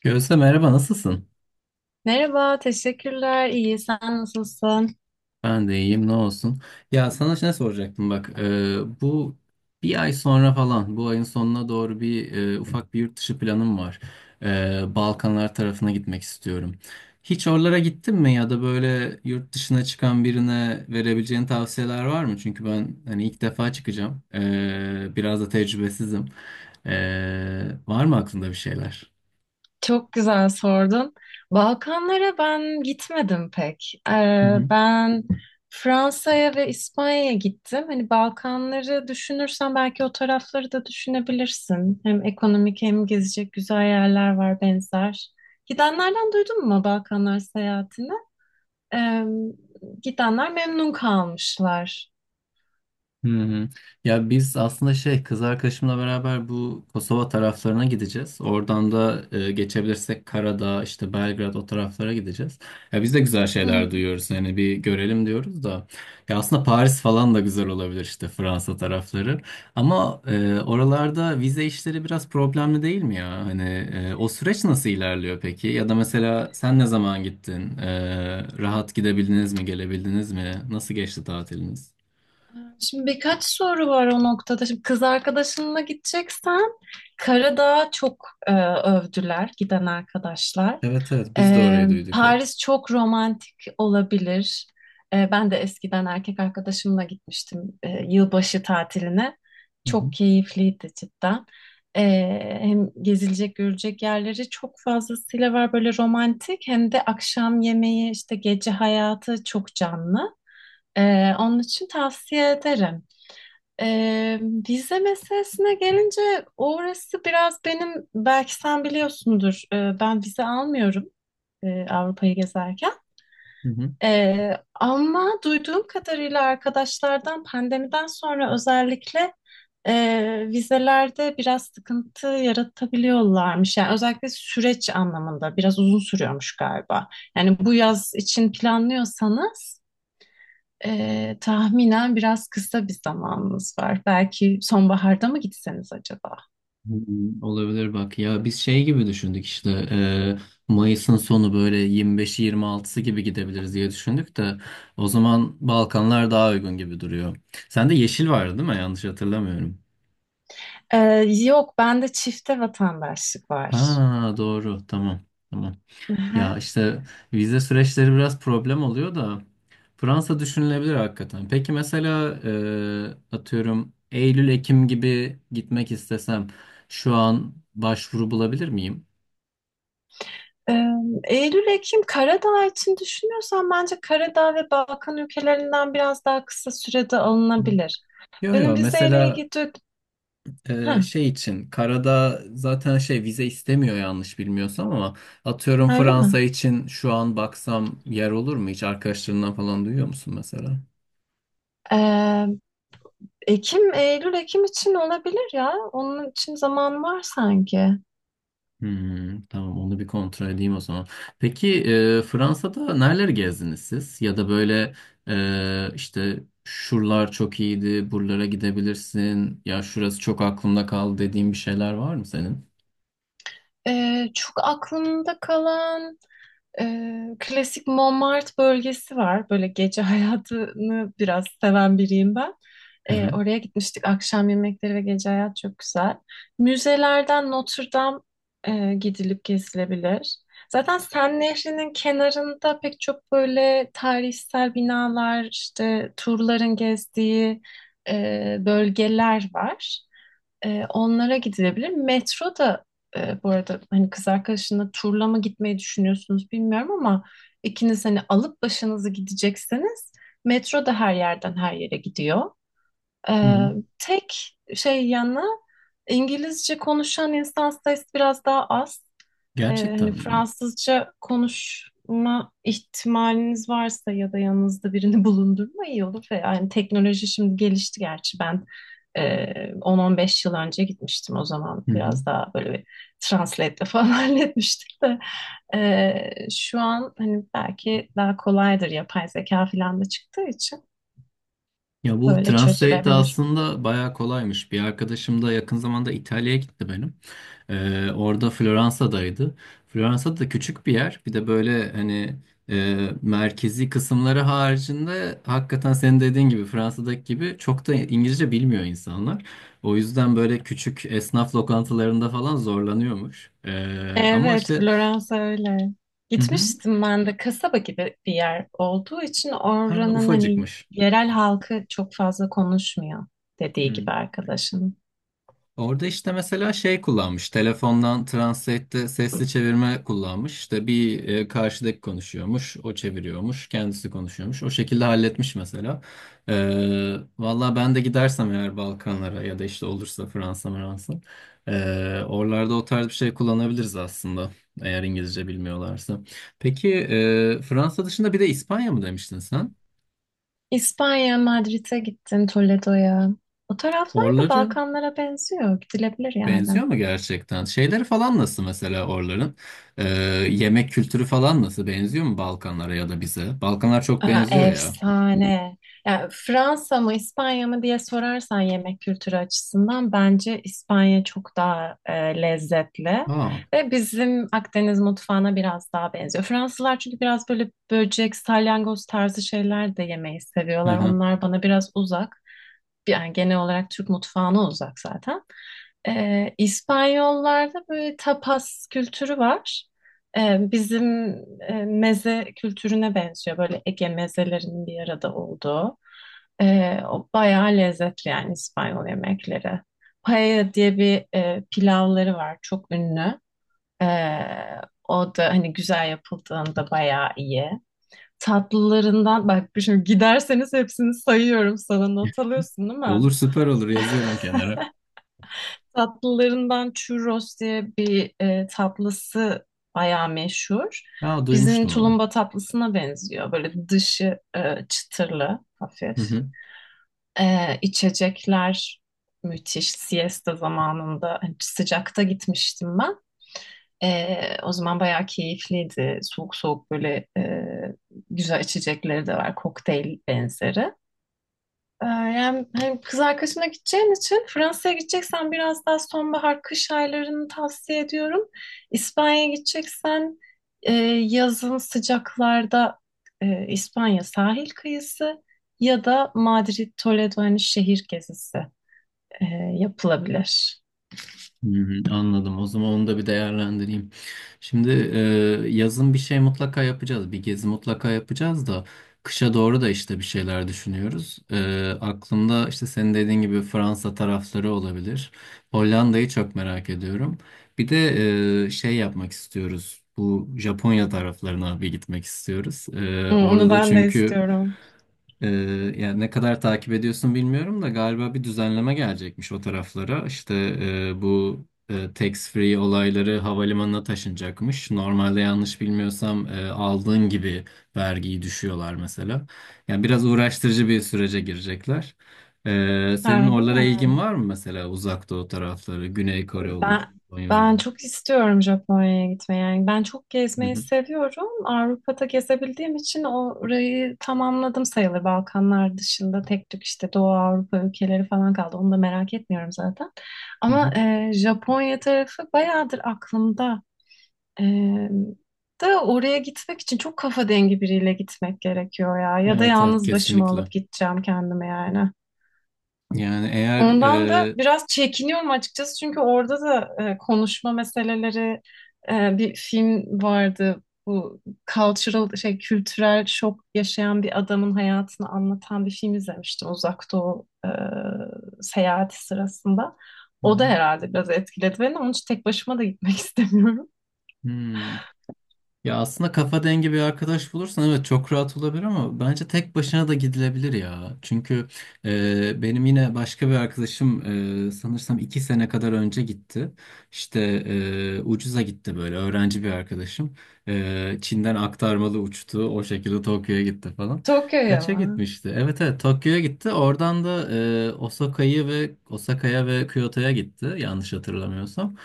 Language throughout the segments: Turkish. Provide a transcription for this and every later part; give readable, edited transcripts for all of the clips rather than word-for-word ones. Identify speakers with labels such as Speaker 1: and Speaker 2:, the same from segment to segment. Speaker 1: Gözde merhaba, nasılsın?
Speaker 2: Merhaba, teşekkürler. İyi, sen nasılsın?
Speaker 1: Ben de iyiyim, ne olsun. Ya sana ne soracaktım bak, bu bir ay sonra falan, bu ayın sonuna doğru bir ufak bir yurt dışı planım var. Balkanlar tarafına gitmek istiyorum. Hiç oralara gittin mi, ya da böyle yurt dışına çıkan birine verebileceğin tavsiyeler var mı? Çünkü ben hani ilk defa çıkacağım. Biraz da tecrübesizim. Var mı aklında bir şeyler?
Speaker 2: Çok güzel sordun. Balkanlara ben gitmedim pek. Ben Fransa'ya ve İspanya'ya gittim. Hani Balkanları düşünürsen belki o tarafları da düşünebilirsin. Hem ekonomik hem gezecek güzel yerler var benzer. Gidenlerden duydun mu Balkanlar seyahatini? Ee, gidenler memnun kalmışlar.
Speaker 1: Hı hı. Ya biz aslında şey, kız arkadaşımla beraber bu Kosova taraflarına gideceğiz. Oradan da geçebilirsek Karadağ, işte Belgrad, o taraflara gideceğiz. Ya biz de güzel
Speaker 2: Hı.
Speaker 1: şeyler duyuyoruz. Yani bir görelim diyoruz da. Ya aslında Paris falan da güzel olabilir, işte Fransa tarafları. Ama oralarda vize işleri biraz problemli değil mi ya? Hani o süreç nasıl ilerliyor peki? Ya da mesela sen ne zaman gittin? Rahat gidebildiniz mi, gelebildiniz mi? Nasıl geçti tatiliniz?
Speaker 2: Şimdi birkaç soru var o noktada. Şimdi kız arkadaşınla gideceksen Karadağ'ı çok övdüler giden arkadaşlar.
Speaker 1: Evet, evet, biz de orayı duyduk hep.
Speaker 2: Paris çok romantik olabilir. Ben de eskiden erkek arkadaşımla gitmiştim yılbaşı tatiline.
Speaker 1: Hı hı,
Speaker 2: Çok keyifliydi cidden. E, hem gezilecek görecek yerleri çok fazlasıyla var böyle romantik hem de akşam yemeği işte gece hayatı çok canlı. Onun için tavsiye ederim. Ee, vize meselesine gelince orası biraz benim belki sen biliyorsundur ben vize almıyorum Avrupa'yı gezerken.
Speaker 1: hı hı.
Speaker 2: Ama duyduğum kadarıyla arkadaşlardan pandemiden sonra özellikle vizelerde biraz sıkıntı yaratabiliyorlarmış. Yani özellikle süreç anlamında biraz uzun sürüyormuş galiba. Yani bu yaz için planlıyorsanız tahminen biraz kısa bir zamanımız var. Belki sonbaharda mı gitseniz acaba?
Speaker 1: Hmm, olabilir. Bak ya, biz şey gibi düşündük, işte Mayıs'ın sonu, böyle 25'i 26'sı gibi gidebiliriz diye düşündük de, o zaman Balkanlar daha uygun gibi duruyor. Sende yeşil vardı değil mi? Yanlış hatırlamıyorum.
Speaker 2: Ee, yok, bende çifte vatandaşlık var.
Speaker 1: Ha doğru, tamam, tamam. Ya
Speaker 2: Aha.
Speaker 1: işte, vize süreçleri biraz problem oluyor da Fransa düşünülebilir hakikaten. Peki mesela atıyorum Eylül-Ekim gibi gitmek istesem şu an başvuru bulabilir miyim?
Speaker 2: Ee, Eylül, Ekim, Karadağ için düşünüyorsan bence Karadağ ve Balkan ülkelerinden biraz daha kısa sürede alınabilir.
Speaker 1: Yo, yo,
Speaker 2: Benim vizeyle
Speaker 1: mesela
Speaker 2: ilgili... Ha,
Speaker 1: şey için karada zaten şey vize istemiyor, yanlış bilmiyorsam, ama atıyorum
Speaker 2: öyle mi?
Speaker 1: Fransa için şu an baksam yer olur mu? Hiç arkadaşlarından falan duyuyor musun mesela?
Speaker 2: Ee, Ekim, Eylül, Ekim için olabilir ya. Onun için zaman var sanki.
Speaker 1: Hmm, tamam, onu bir kontrol edeyim o zaman. Peki Fransa'da nereleri gezdiniz siz? Ya da böyle işte şuralar çok iyiydi, buralara gidebilirsin. Ya şurası çok aklımda kaldı dediğin bir şeyler var mı senin?
Speaker 2: Çok aklımda kalan e, klasik Montmartre bölgesi var. Böyle gece hayatını biraz seven biriyim ben.
Speaker 1: Hı hı.
Speaker 2: Oraya gitmiştik. Akşam yemekleri ve gece hayat çok güzel. Müzelerden Notre Dame gidilip gezilebilir. Zaten Sen Nehri'nin kenarında pek çok böyle tarihsel binalar, işte turların gezdiği bölgeler var. Onlara gidilebilir. Metro da bu arada hani kız arkadaşınla turla mı gitmeyi düşünüyorsunuz bilmiyorum ama ikiniz hani alıp başınızı gidecekseniz metro da her yerden her yere gidiyor.
Speaker 1: Hı
Speaker 2: Ee,
Speaker 1: hı.
Speaker 2: tek şey yanı İngilizce konuşan insan sayısı biraz daha az. Hani
Speaker 1: Gerçekten mi?
Speaker 2: Fransızca konuşma ihtimaliniz varsa ya da yanınızda birini bulundurma iyi olur. Ve yani teknoloji şimdi gelişti gerçi ben 10-15 yıl önce gitmiştim o zaman.
Speaker 1: Hı hı.
Speaker 2: Biraz daha böyle bir translate'le falan halletmiştik de. Şu an hani belki daha kolaydır yapay zeka falan da çıktığı için
Speaker 1: Ya bu
Speaker 2: böyle
Speaker 1: Translate de
Speaker 2: çözülebilir.
Speaker 1: aslında bayağı kolaymış. Bir arkadaşım da yakın zamanda İtalya'ya gitti benim. Orada Floransa'daydı. Floransa da küçük bir yer. Bir de böyle hani merkezi kısımları haricinde hakikaten senin dediğin gibi, Fransa'daki gibi, çok da İngilizce bilmiyor insanlar. O yüzden böyle küçük esnaf lokantalarında falan zorlanıyormuş. Ama
Speaker 2: Evet,
Speaker 1: işte,
Speaker 2: Floransa öyle.
Speaker 1: hı hı,
Speaker 2: Gitmiştim ben de kasaba gibi bir yer olduğu için
Speaker 1: ha,
Speaker 2: oranın hani
Speaker 1: ufacıkmış.
Speaker 2: yerel halkı çok fazla konuşmuyor dediği
Speaker 1: Hı.
Speaker 2: gibi arkadaşın.
Speaker 1: Orada işte mesela şey kullanmış. Telefondan Translate'de sesli çevirme kullanmış. İşte bir, karşıdaki konuşuyormuş, o çeviriyormuş, kendisi konuşuyormuş. O şekilde halletmiş mesela. Valla ben de gidersem eğer Balkanlara ya da işte olursa Fransa, Fransa, oralarda o tarz bir şey kullanabiliriz aslında, eğer İngilizce bilmiyorlarsa. Peki Fransa dışında bir de İspanya mı demiştin sen?
Speaker 2: İspanya, Madrid'e gittim, Toledo'ya. O taraflar da
Speaker 1: Oraları
Speaker 2: Balkanlara benziyor. Gidilebilir yani.
Speaker 1: benziyor mu gerçekten? Şeyleri falan nasıl mesela oraların? Ee, Yemek kültürü falan nasıl? Benziyor mu Balkanlara ya da bize? Balkanlar çok
Speaker 2: Aa,
Speaker 1: benziyor ya.
Speaker 2: efsane. Yani Fransa mı İspanya mı diye sorarsan yemek kültürü açısından bence İspanya çok daha lezzetli
Speaker 1: Aa,
Speaker 2: ve bizim Akdeniz mutfağına biraz daha benziyor. Fransızlar çünkü biraz böyle böcek, salyangoz tarzı şeyler de yemeyi
Speaker 1: hı
Speaker 2: seviyorlar.
Speaker 1: hı.
Speaker 2: Onlar bana biraz uzak. Yani genel olarak Türk mutfağına uzak zaten. İspanyollarda böyle tapas kültürü var. Bizim meze kültürüne benziyor. Böyle Ege mezelerinin bir arada olduğu. O bayağı lezzetli yani İspanyol yemekleri. Paella diye bir pilavları var. Çok ünlü. Ee, o da hani güzel yapıldığında bayağı iyi. Tatlılarından bak şimdi giderseniz hepsini sayıyorum sana not alıyorsun değil mi?
Speaker 1: Olur, süper, olur, yazıyorum kenara.
Speaker 2: Tatlılarından churros diye bir tatlısı bayağı meşhur.
Speaker 1: Aa,
Speaker 2: Bizim
Speaker 1: duymuştum onu.
Speaker 2: tulumba tatlısına benziyor. Böyle dışı çıtırlı,
Speaker 1: Hı
Speaker 2: hafif.
Speaker 1: hı.
Speaker 2: İçecekler müthiş. Siesta zamanında hani sıcakta gitmiştim ben. O zaman bayağı keyifliydi. Soğuk soğuk böyle güzel içecekleri de var. Kokteyl benzeri. Yani hani kız arkadaşımla gideceğin için Fransa'ya gideceksen biraz daha sonbahar kış aylarını tavsiye ediyorum. İspanya'ya gideceksen e, yazın sıcaklarda İspanya sahil kıyısı ya da Madrid, Toledo hani şehir gezisi e, yapılabilir.
Speaker 1: Hmm, anladım. O zaman onu da bir değerlendireyim. Şimdi yazın bir şey mutlaka yapacağız. Bir gezi mutlaka yapacağız da kışa doğru da işte bir şeyler düşünüyoruz. Aklımda işte senin dediğin gibi Fransa tarafları olabilir. Hollanda'yı çok merak ediyorum. Bir de şey yapmak istiyoruz. Bu Japonya taraflarına bir gitmek istiyoruz.
Speaker 2: Hı,
Speaker 1: Orada
Speaker 2: onu
Speaker 1: da
Speaker 2: ben de
Speaker 1: çünkü
Speaker 2: istiyorum.
Speaker 1: ee, yani ne kadar takip ediyorsun bilmiyorum da, galiba bir düzenleme gelecekmiş o taraflara. İşte bu tax free olayları havalimanına taşınacakmış. Normalde yanlış bilmiyorsam aldığın gibi vergiyi düşüyorlar mesela. Yani biraz uğraştırıcı bir sürece girecekler. Senin
Speaker 2: Harbi
Speaker 1: oralara
Speaker 2: mi?
Speaker 1: ilgin var mı mesela? Uzak Doğu tarafları, Güney Kore olur,
Speaker 2: Ben
Speaker 1: Japonya olur?
Speaker 2: çok istiyorum Japonya'ya gitmeyi. Yani ben çok
Speaker 1: Hı
Speaker 2: gezmeyi
Speaker 1: hı,
Speaker 2: seviyorum. Avrupa'da gezebildiğim için orayı tamamladım sayılır. Balkanlar dışında tek tük işte Doğu Avrupa ülkeleri falan kaldı. Onu da merak etmiyorum zaten.
Speaker 1: hı
Speaker 2: Ama
Speaker 1: hı.
Speaker 2: Japonya tarafı bayağıdır aklımda. E, da oraya gitmek için çok kafa dengi biriyle gitmek gerekiyor ya. Ya da
Speaker 1: Evet, evet,
Speaker 2: yalnız başıma
Speaker 1: kesinlikle.
Speaker 2: alıp gideceğim kendime yani.
Speaker 1: Yani eğer
Speaker 2: Ondan da biraz çekiniyorum açıkçası çünkü orada da konuşma meseleleri bir film vardı. Bu cultural şey kültürel şok yaşayan bir adamın hayatını anlatan bir film izlemiştim Uzak Doğu seyahati sırasında.
Speaker 1: hı
Speaker 2: O da herhalde biraz etkiledi beni. Onun için tek başıma da gitmek istemiyorum.
Speaker 1: hı. Ya aslında kafa dengi bir arkadaş bulursan evet çok rahat olabilir, ama bence tek başına da gidilebilir ya. Çünkü benim yine başka bir arkadaşım sanırsam 2 sene kadar önce gitti. İşte ucuza gitti, böyle öğrenci bir arkadaşım. Çin'den aktarmalı uçtu, o şekilde Tokyo'ya gitti falan.
Speaker 2: Tokyo'ya
Speaker 1: Kaça
Speaker 2: mı?
Speaker 1: gitmişti? Evet, evet, Tokyo'ya gitti. Oradan da Osaka'yı ve Osaka'ya ve Kyoto'ya gitti, yanlış hatırlamıyorsam.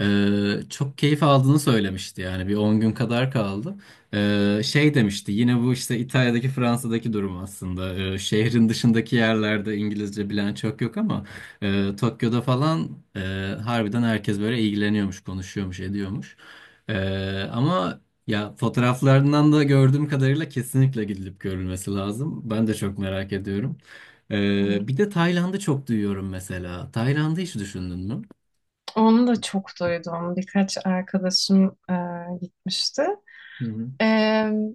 Speaker 1: Çok keyif aldığını söylemişti, yani bir 10 gün kadar kaldı. Şey demişti, yine bu işte İtalya'daki, Fransa'daki durum aslında. Şehrin dışındaki yerlerde İngilizce bilen çok yok, ama Tokyo'da falan harbiden herkes böyle ilgileniyormuş, konuşuyormuş, ediyormuş. Ama ya, fotoğraflarından da gördüğüm kadarıyla kesinlikle gidilip görülmesi lazım. Ben de çok merak ediyorum.
Speaker 2: Hı.
Speaker 1: Bir de Tayland'ı çok duyuyorum mesela. Tayland'ı hiç düşündün
Speaker 2: Onu da çok duydum. Birkaç arkadaşım gitmişti.
Speaker 1: mü?
Speaker 2: E,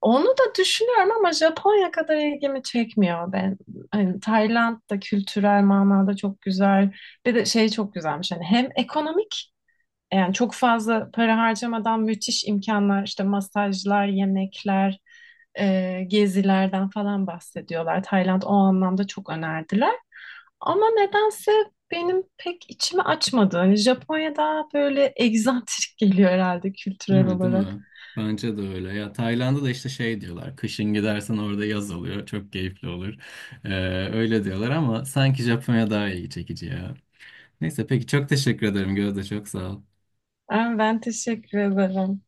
Speaker 2: onu da düşünüyorum ama Japonya kadar ilgimi çekmiyor ben. Hani Tayland da kültürel manada çok güzel. Bir de şey çok güzelmiş. Hani hem ekonomik yani çok fazla para harcamadan müthiş imkanlar işte masajlar, yemekler, gezilerden falan bahsediyorlar. Tayland o anlamda çok önerdiler. Ama nedense benim pek içimi açmadı. Hani Japonya daha böyle egzantrik geliyor herhalde
Speaker 1: Değil
Speaker 2: kültürel
Speaker 1: mi? Değil
Speaker 2: olarak.
Speaker 1: mi? Bence de öyle. Ya Tayland'da da işte şey diyorlar. Kışın gidersen orada yaz oluyor. Çok keyifli olur. Ee, öyle diyorlar ama sanki Japonya daha ilgi çekici ya. Neyse, peki, çok teşekkür ederim Gözde. Çok sağ ol.
Speaker 2: Ben, teşekkür ederim.